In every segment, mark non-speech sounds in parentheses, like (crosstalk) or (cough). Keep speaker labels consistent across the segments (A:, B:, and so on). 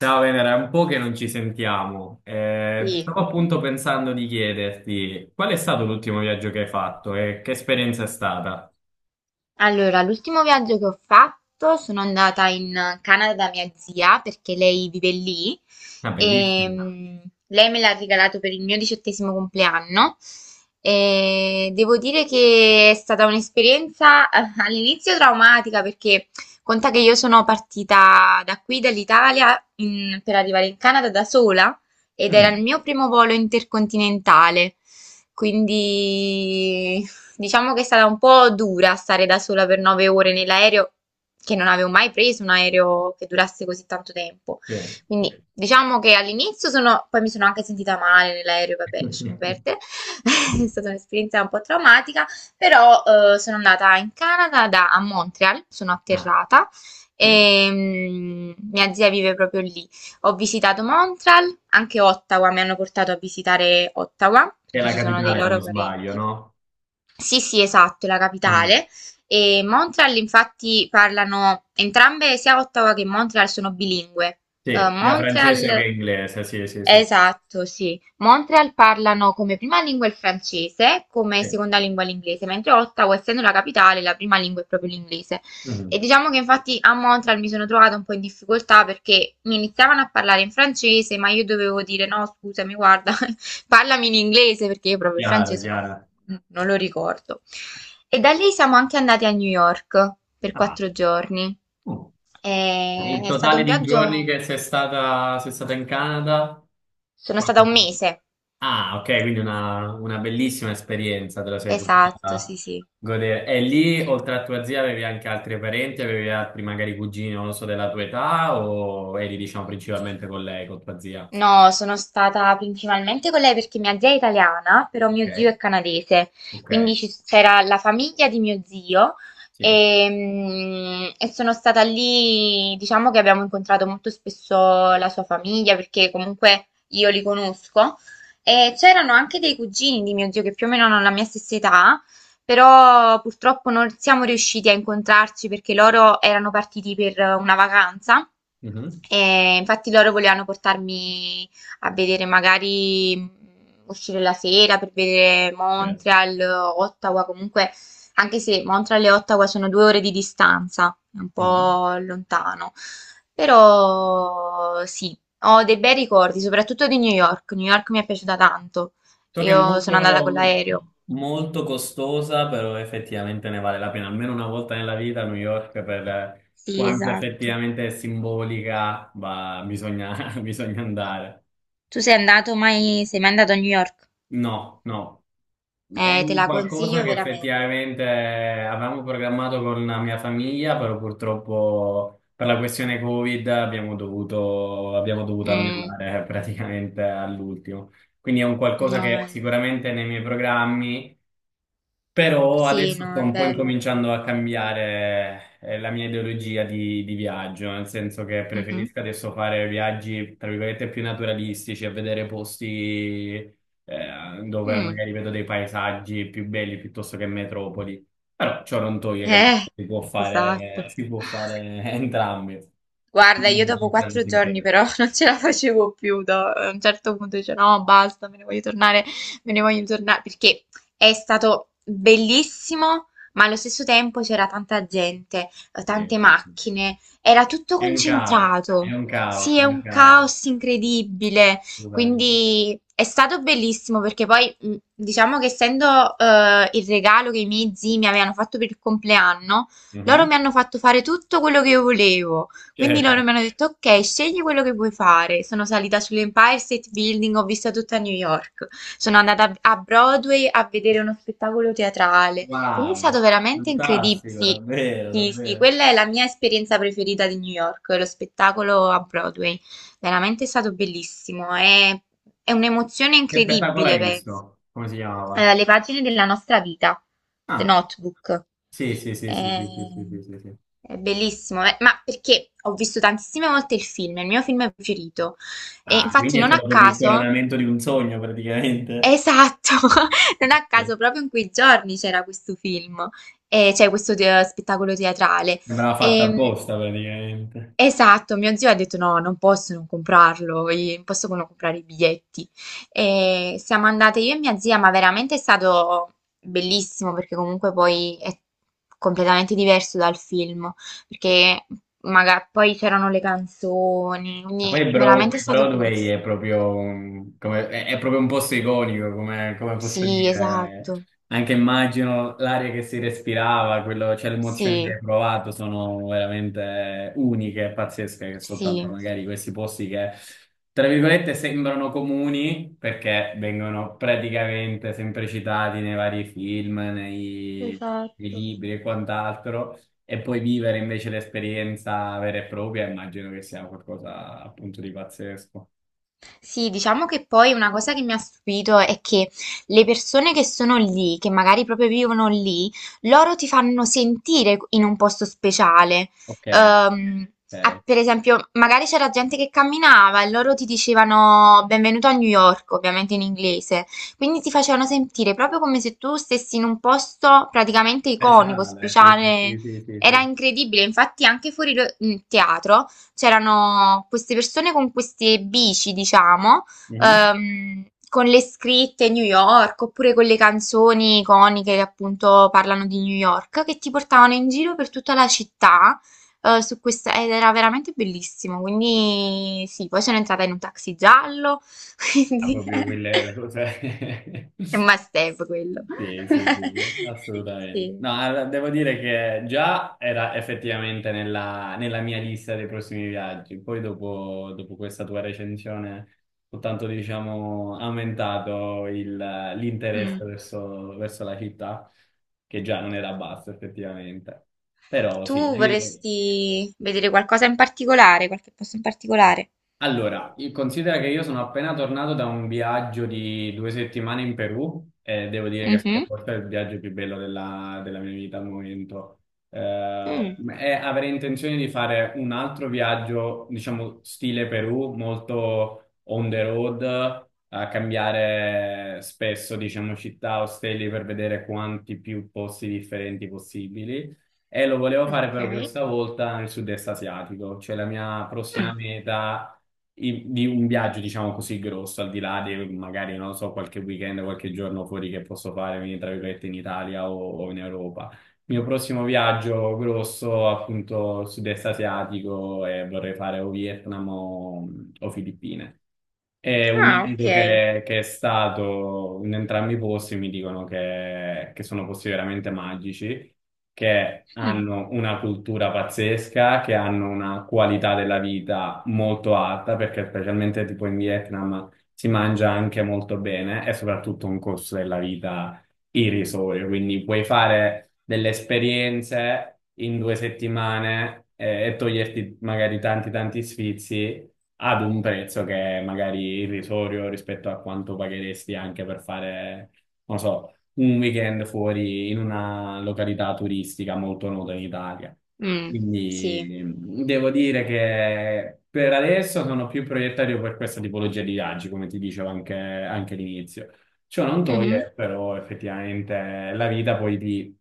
A: Ciao Venera, è un po' che non ci sentiamo. Eh,
B: Sì,
A: stavo appunto pensando di chiederti qual è stato l'ultimo viaggio che hai fatto e che esperienza è stata?
B: allora l'ultimo viaggio che ho fatto sono andata in Canada da mia zia perché lei vive lì
A: Ah,
B: e
A: bellissimo.
B: lei me l'ha regalato per il mio 18° compleanno e devo dire che è stata un'esperienza all'inizio traumatica perché conta che io sono partita da qui dall'Italia per arrivare in Canada da sola ed era
A: Mm,
B: il mio primo volo intercontinentale. Quindi diciamo che è stata un po' dura stare da sola per 9 ore nell'aereo, che non avevo mai preso un aereo che durasse così tanto tempo.
A: sì.
B: Quindi diciamo che all'inizio poi mi sono anche sentita male nell'aereo, vabbè, lasciamo
A: (laughs)
B: perdere. (laughs) È stata un'esperienza un po' traumatica, però sono andata in Canada a Montreal, sono
A: Ah,
B: atterrata
A: sì.
B: e mia zia vive proprio lì. Ho visitato Montreal, anche Ottawa, mi hanno portato a visitare Ottawa
A: Che è
B: perché
A: la
B: ci sono dei
A: capitale, se non
B: loro
A: sbaglio,
B: parenti.
A: no?
B: Sì, sì, esatto, è la
A: Mm.
B: capitale. E Montreal, infatti, parlano entrambe, sia Ottawa che Montreal sono bilingue.
A: Sì, sia francese che
B: Montreal,
A: inglese, sì, sì, sì.
B: esatto, sì. Montreal parlano come prima lingua il francese, come
A: Sì.
B: seconda lingua l'inglese, mentre Ottawa, essendo la capitale, la prima lingua è proprio l'inglese. E
A: Mm.
B: diciamo che infatti a Montreal mi sono trovata un po' in difficoltà perché mi iniziavano a parlare in francese, ma io dovevo dire no, scusami, guarda, parlami in inglese perché io proprio il
A: Chiaro,
B: francese non,
A: chiaro.
B: non lo ricordo. E da lì siamo anche andati a New York per
A: Ah,
B: 4 giorni.
A: oh. Il
B: È stato
A: totale
B: un
A: di giorni
B: viaggio,
A: che sei stata in Canada?
B: sono stata
A: Quanto?
B: un mese.
A: Ah, ok, quindi una bellissima esperienza te la sei
B: Esatto,
A: potuta
B: sì, sì.
A: godere. E lì, oltre a tua zia, avevi anche altri parenti, avevi altri magari cugini, non lo so, della tua età, o eri, diciamo, principalmente con lei, con tua zia?
B: No, sono stata principalmente con lei perché mia zia è italiana, però
A: Ok,
B: mio zio è canadese,
A: ok,
B: quindi c'era la famiglia di mio zio
A: sì.
B: e sono stata lì, diciamo che abbiamo incontrato molto spesso la sua famiglia perché comunque io li conosco e c'erano anche dei cugini di mio zio che più o meno hanno la mia stessa età però purtroppo non siamo riusciti a incontrarci perché loro erano partiti per una vacanza
A: Mhm.
B: e infatti loro volevano portarmi a vedere magari uscire la sera per vedere
A: Eh.
B: Montreal, Ottawa, comunque anche se Montreal e Ottawa sono 2 ore di distanza, è un
A: Mhm.
B: po' lontano. Però sì, ho dei bei ricordi, soprattutto di New York. New York mi è piaciuta tanto.
A: So che è
B: Io sono andata con
A: molto,
B: l'aereo.
A: molto costosa, però effettivamente ne vale la pena, almeno una volta nella vita a New York per
B: Sì,
A: quanto
B: esatto.
A: effettivamente è simbolica, ma bisogna, (laughs) bisogna andare.
B: Tu sei andato mai, sei mai andato a New York?
A: No, no. È
B: Te
A: un
B: la
A: qualcosa
B: consiglio
A: che
B: veramente.
A: effettivamente avevamo programmato con la mia famiglia, però purtroppo per la questione Covid abbiamo dovuto
B: Mm,
A: annullare (laughs) praticamente all'ultimo. Quindi è un qualcosa
B: no,
A: che sicuramente nei miei programmi, però
B: sì,
A: adesso sto
B: no, è
A: un po'
B: bello.
A: incominciando a cambiare la mia ideologia di viaggio, nel senso che
B: Mhm,
A: preferisco adesso fare viaggi, tra virgolette, più naturalistici, a vedere posti dove
B: mm.
A: magari vedo dei paesaggi più belli piuttosto che metropoli. Però ciò non toglie che
B: Eh, esatto.
A: si può fare (laughs) entrambi.
B: Guarda, io dopo
A: Non prendo
B: 4 giorni
A: sempre-
B: però (laughs) non ce la facevo più, a un certo punto dice no, basta, me ne voglio tornare, me ne voglio tornare, perché è stato bellissimo, ma allo stesso tempo c'era tanta gente,
A: Sì,
B: tante
A: sì, sì.
B: macchine, era tutto
A: È un caos, è
B: concentrato.
A: un caos,
B: Sì,
A: è
B: è
A: un
B: un
A: caos.
B: caos incredibile,
A: Scusami.
B: quindi è stato bellissimo perché poi diciamo che essendo il regalo che i miei zii mi avevano fatto per il compleanno, loro
A: Mhm.
B: mi hanno fatto fare tutto quello che io volevo. Quindi loro
A: Certo.
B: mi hanno detto: Ok, scegli quello che vuoi fare. Sono salita sull'Empire State Building, ho visto tutta New York. Sono andata a Broadway a vedere uno spettacolo teatrale. Quindi è stato
A: Wow,
B: veramente incredibile.
A: fantastico,
B: Sì,
A: davvero,
B: sì, sì,
A: davvero.
B: quella è la mia esperienza preferita di New York, lo spettacolo a Broadway. Veramente è stato bellissimo, è un'emozione
A: Che spettacolo
B: incredibile,
A: hai
B: penso.
A: visto? Come si chiamava?
B: Le pagine della nostra vita, The
A: Ah,
B: Notebook.
A: sì, sì, sì, sì,
B: È,
A: sì, sì, sì, sì, sì, sì.
B: è bellissimo, ma perché ho visto tantissime volte il film, è il mio film preferito. E
A: Ah,
B: infatti
A: quindi è
B: non a
A: stato proprio il
B: caso,
A: coronamento di un sogno, praticamente.
B: esatto, (laughs) non a
A: Sì.
B: caso proprio in quei giorni c'era questo film, cioè questo spettacolo teatrale.
A: Sembrava fatta
B: E,
A: apposta, praticamente.
B: Esatto, mio zio ha detto no, non posso non comprarlo, non posso non comprare i biglietti. E siamo andate io e mia zia, ma veramente è stato bellissimo perché comunque poi è completamente diverso dal film, perché magari poi c'erano le canzoni, quindi
A: Poi
B: veramente
A: Broad-
B: è stato
A: Broadway è
B: bellissimo.
A: proprio, è proprio un posto iconico, come, posso
B: Sì,
A: dire.
B: esatto,
A: Anche immagino l'aria che si respirava, cioè le emozioni
B: sì,
A: che hai provato sono veramente uniche e pazzesche, che soltanto
B: sì.
A: magari questi posti che, tra virgolette, sembrano comuni perché vengono praticamente sempre citati nei vari film, nei
B: Esatto.
A: libri e quant'altro. E poi vivere invece l'esperienza vera e propria, immagino che sia qualcosa appunto di pazzesco.
B: Sì, diciamo che poi una cosa che mi ha stupito è che le persone che sono lì, che magari proprio vivono lì, loro ti fanno sentire in un posto speciale.
A: Ok,
B: Ehm, ah,
A: ok.
B: per esempio, magari c'era gente che camminava e loro ti dicevano benvenuto a New York, ovviamente in inglese. Quindi ti facevano sentire proprio come se tu stessi in un posto praticamente iconico,
A: Speciale, sì,
B: speciale.
A: sì, sì, sì,
B: Era
A: sì.
B: incredibile, infatti anche fuori in teatro c'erano queste persone con queste bici, diciamo,
A: Mhm.
B: con le scritte New York oppure con le canzoni iconiche che appunto parlano di New York, che ti portavano in giro per tutta la città. Su questa, ed era veramente bellissimo, quindi sì, poi sono entrata in un taxi giallo, (laughs)
A: Ah,
B: quindi
A: proprio quella è la cosa.
B: è un
A: (laughs)
B: must have quello.
A: Sì, sì, sì, sì,
B: (laughs)
A: assolutamente.
B: Sì.
A: No, allora, devo dire che già era effettivamente nella mia lista dei prossimi viaggi. Poi dopo questa tua recensione ho tanto, diciamo, aumentato il-
B: Mm.
A: l'interesse verso la città, che già non era basso effettivamente. Però
B: Tu
A: sì.
B: vorresti vedere qualcosa in particolare, qualche posto in particolare?
A: Allora, considera che io sono appena tornato da un viaggio di 2 settimane in Perù e devo dire che è stato
B: Mm-hmm.
A: forse il viaggio più bello della mia vita al momento. Eh,
B: Mm,
A: e avrei intenzione di fare un altro viaggio, diciamo, stile Perù, molto on the road, a cambiare spesso, diciamo, città, ostelli per vedere quanti più posti differenti possibili. E lo volevo fare però
B: ok.
A: questa volta nel sud-est asiatico, cioè la mia prossima
B: Mm.
A: meta di un viaggio, diciamo così, grosso, al di là di magari, non lo so, qualche weekend, qualche giorno fuori che posso fare, quindi tra virgolette in Italia o in Europa. Il mio prossimo viaggio grosso, appunto, sud-est asiatico e vorrei fare o Vietnam o Filippine. E un mio
B: Ah,
A: amico
B: ok.
A: che è stato in entrambi i posti mi dicono che, sono posti veramente magici, che
B: Mm,
A: hanno una cultura pazzesca, che hanno una qualità della vita molto alta, perché specialmente tipo in Vietnam si mangia anche molto bene e soprattutto un costo della vita i risori, quindi puoi fare delle esperienze in 2 settimane e toglierti magari tanti tanti sfizi ad un prezzo che è magari irrisorio rispetto a quanto pagheresti anche per fare, non so, un weekend fuori in una località turistica molto nota in Italia.
B: mm, sì.
A: Quindi devo dire che per adesso sono più proiettario per questa tipologia di viaggi, come ti dicevo anche all'inizio. Ciò non
B: Mhm,
A: toglie però effettivamente la vita poi ti,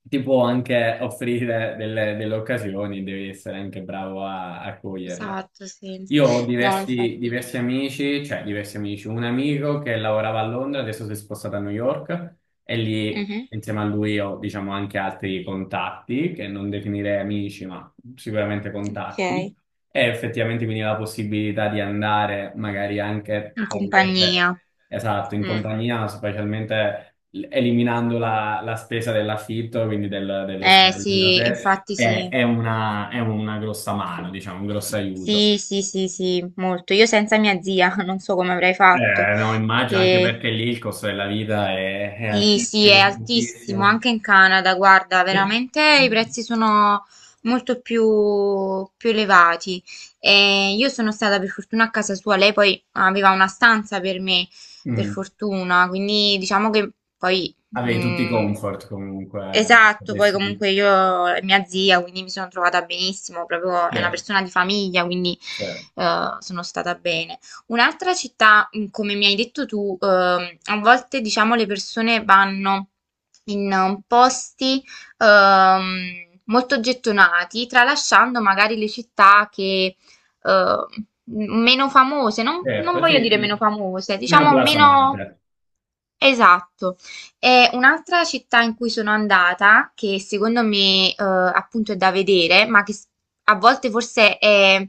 A: ti può anche offrire delle occasioni, devi essere anche bravo a coglierle.
B: esatto, sì.
A: Io ho
B: No,
A: diversi
B: infatti.
A: amici, cioè diversi amici, un amico che lavorava a Londra, adesso si è spostato a New York e lì
B: Mhm,
A: insieme a lui ho diciamo anche altri contatti che non definirei amici, ma sicuramente
B: ok.
A: contatti. E effettivamente quindi la possibilità di andare magari anche,
B: In
A: tra virgolette,
B: compagnia.
A: esatto, in
B: Mm.
A: compagnia, specialmente eliminando la spesa dell'affitto, quindi dello
B: Eh
A: stare lì da
B: sì,
A: te,
B: infatti
A: è,
B: sì.
A: è una, è una grossa mano, diciamo, un grosso aiuto.
B: Sì, sì, sì, sì, molto. Io senza mia zia (laughs) non so come avrei fatto,
A: No, immagino anche
B: perché.
A: perché lì il costo della vita è
B: Sì, sì, è
A: altissimo,
B: altissimo
A: altissimo.
B: anche in Canada, guarda,
A: E-
B: veramente i prezzi sono molto più elevati. E io sono stata per fortuna a casa sua, lei poi aveva una stanza per me, per
A: Mm.
B: fortuna, quindi diciamo che poi.
A: Avevi tutti i
B: mm,
A: comfort comunque,
B: esatto, poi
A: potessi dire.
B: comunque io è mia zia, quindi mi sono trovata benissimo, proprio è una
A: Certo,
B: persona di famiglia, quindi
A: certo,
B: sono stata bene. Un'altra città, come mi hai detto tu, a volte diciamo le persone vanno in posti ehm, molto gettonati, tralasciando magari le città che meno famose, non
A: certo,
B: voglio
A: sì,
B: dire meno
A: sì.
B: famose,
A: Meno
B: diciamo meno.
A: blasonate.
B: Esatto. E un'altra città in cui sono andata, che secondo me appunto è da vedere, ma che a volte forse è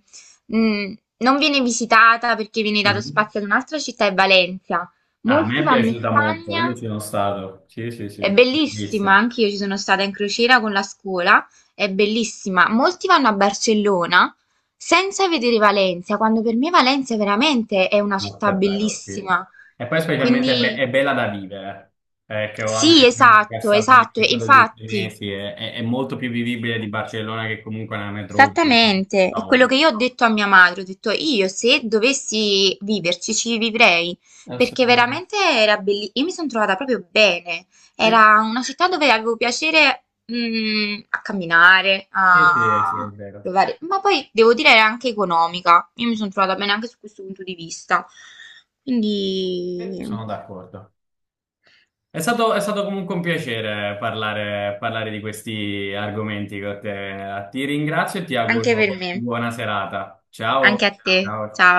B: Non viene visitata perché viene dato
A: Mhm.
B: spazio ad un'altra città, è Valencia.
A: Ah, a me
B: Molti
A: è
B: vanno in
A: piaciuta molto, io
B: Spagna,
A: ci sono stato. Sì, sì,
B: è
A: sì,
B: bellissima,
A: bellissimo.
B: anche io ci sono stata in crociera con la scuola, è bellissima. Molti vanno a Barcellona senza vedere Valencia, quando per me Valencia veramente è una
A: No,
B: città
A: davvero, sì.
B: bellissima.
A: E poi specialmente
B: Quindi
A: è bella da vivere, che ho anche
B: sì,
A: un amico che è
B: esatto,
A: stato lì,
B: esatto,
A: che è
B: e
A: stato lì tre
B: infatti.
A: mesi, è molto più vivibile di Barcellona che comunque è una metropoli.
B: Esattamente, è quello
A: Caotica.
B: che io ho detto a mia madre, ho detto io se dovessi viverci ci vivrei, perché
A: Assolutamente.
B: veramente era bellissimo, io mi sono trovata proprio bene,
A: Sì,
B: era una città dove avevo piacere a camminare,
A: sì, sì, sì, è
B: a
A: vero.
B: provare, ma poi devo dire era anche economica, io mi sono trovata bene anche su questo punto di vista,
A: Sì,
B: quindi
A: sono d'accordo. È stato comunque un piacere parlare di questi argomenti con te. Ti ringrazio e ti
B: anche per
A: auguro
B: me,
A: buona serata.
B: anche a
A: Ciao.
B: te,
A: Ciao.
B: ciao.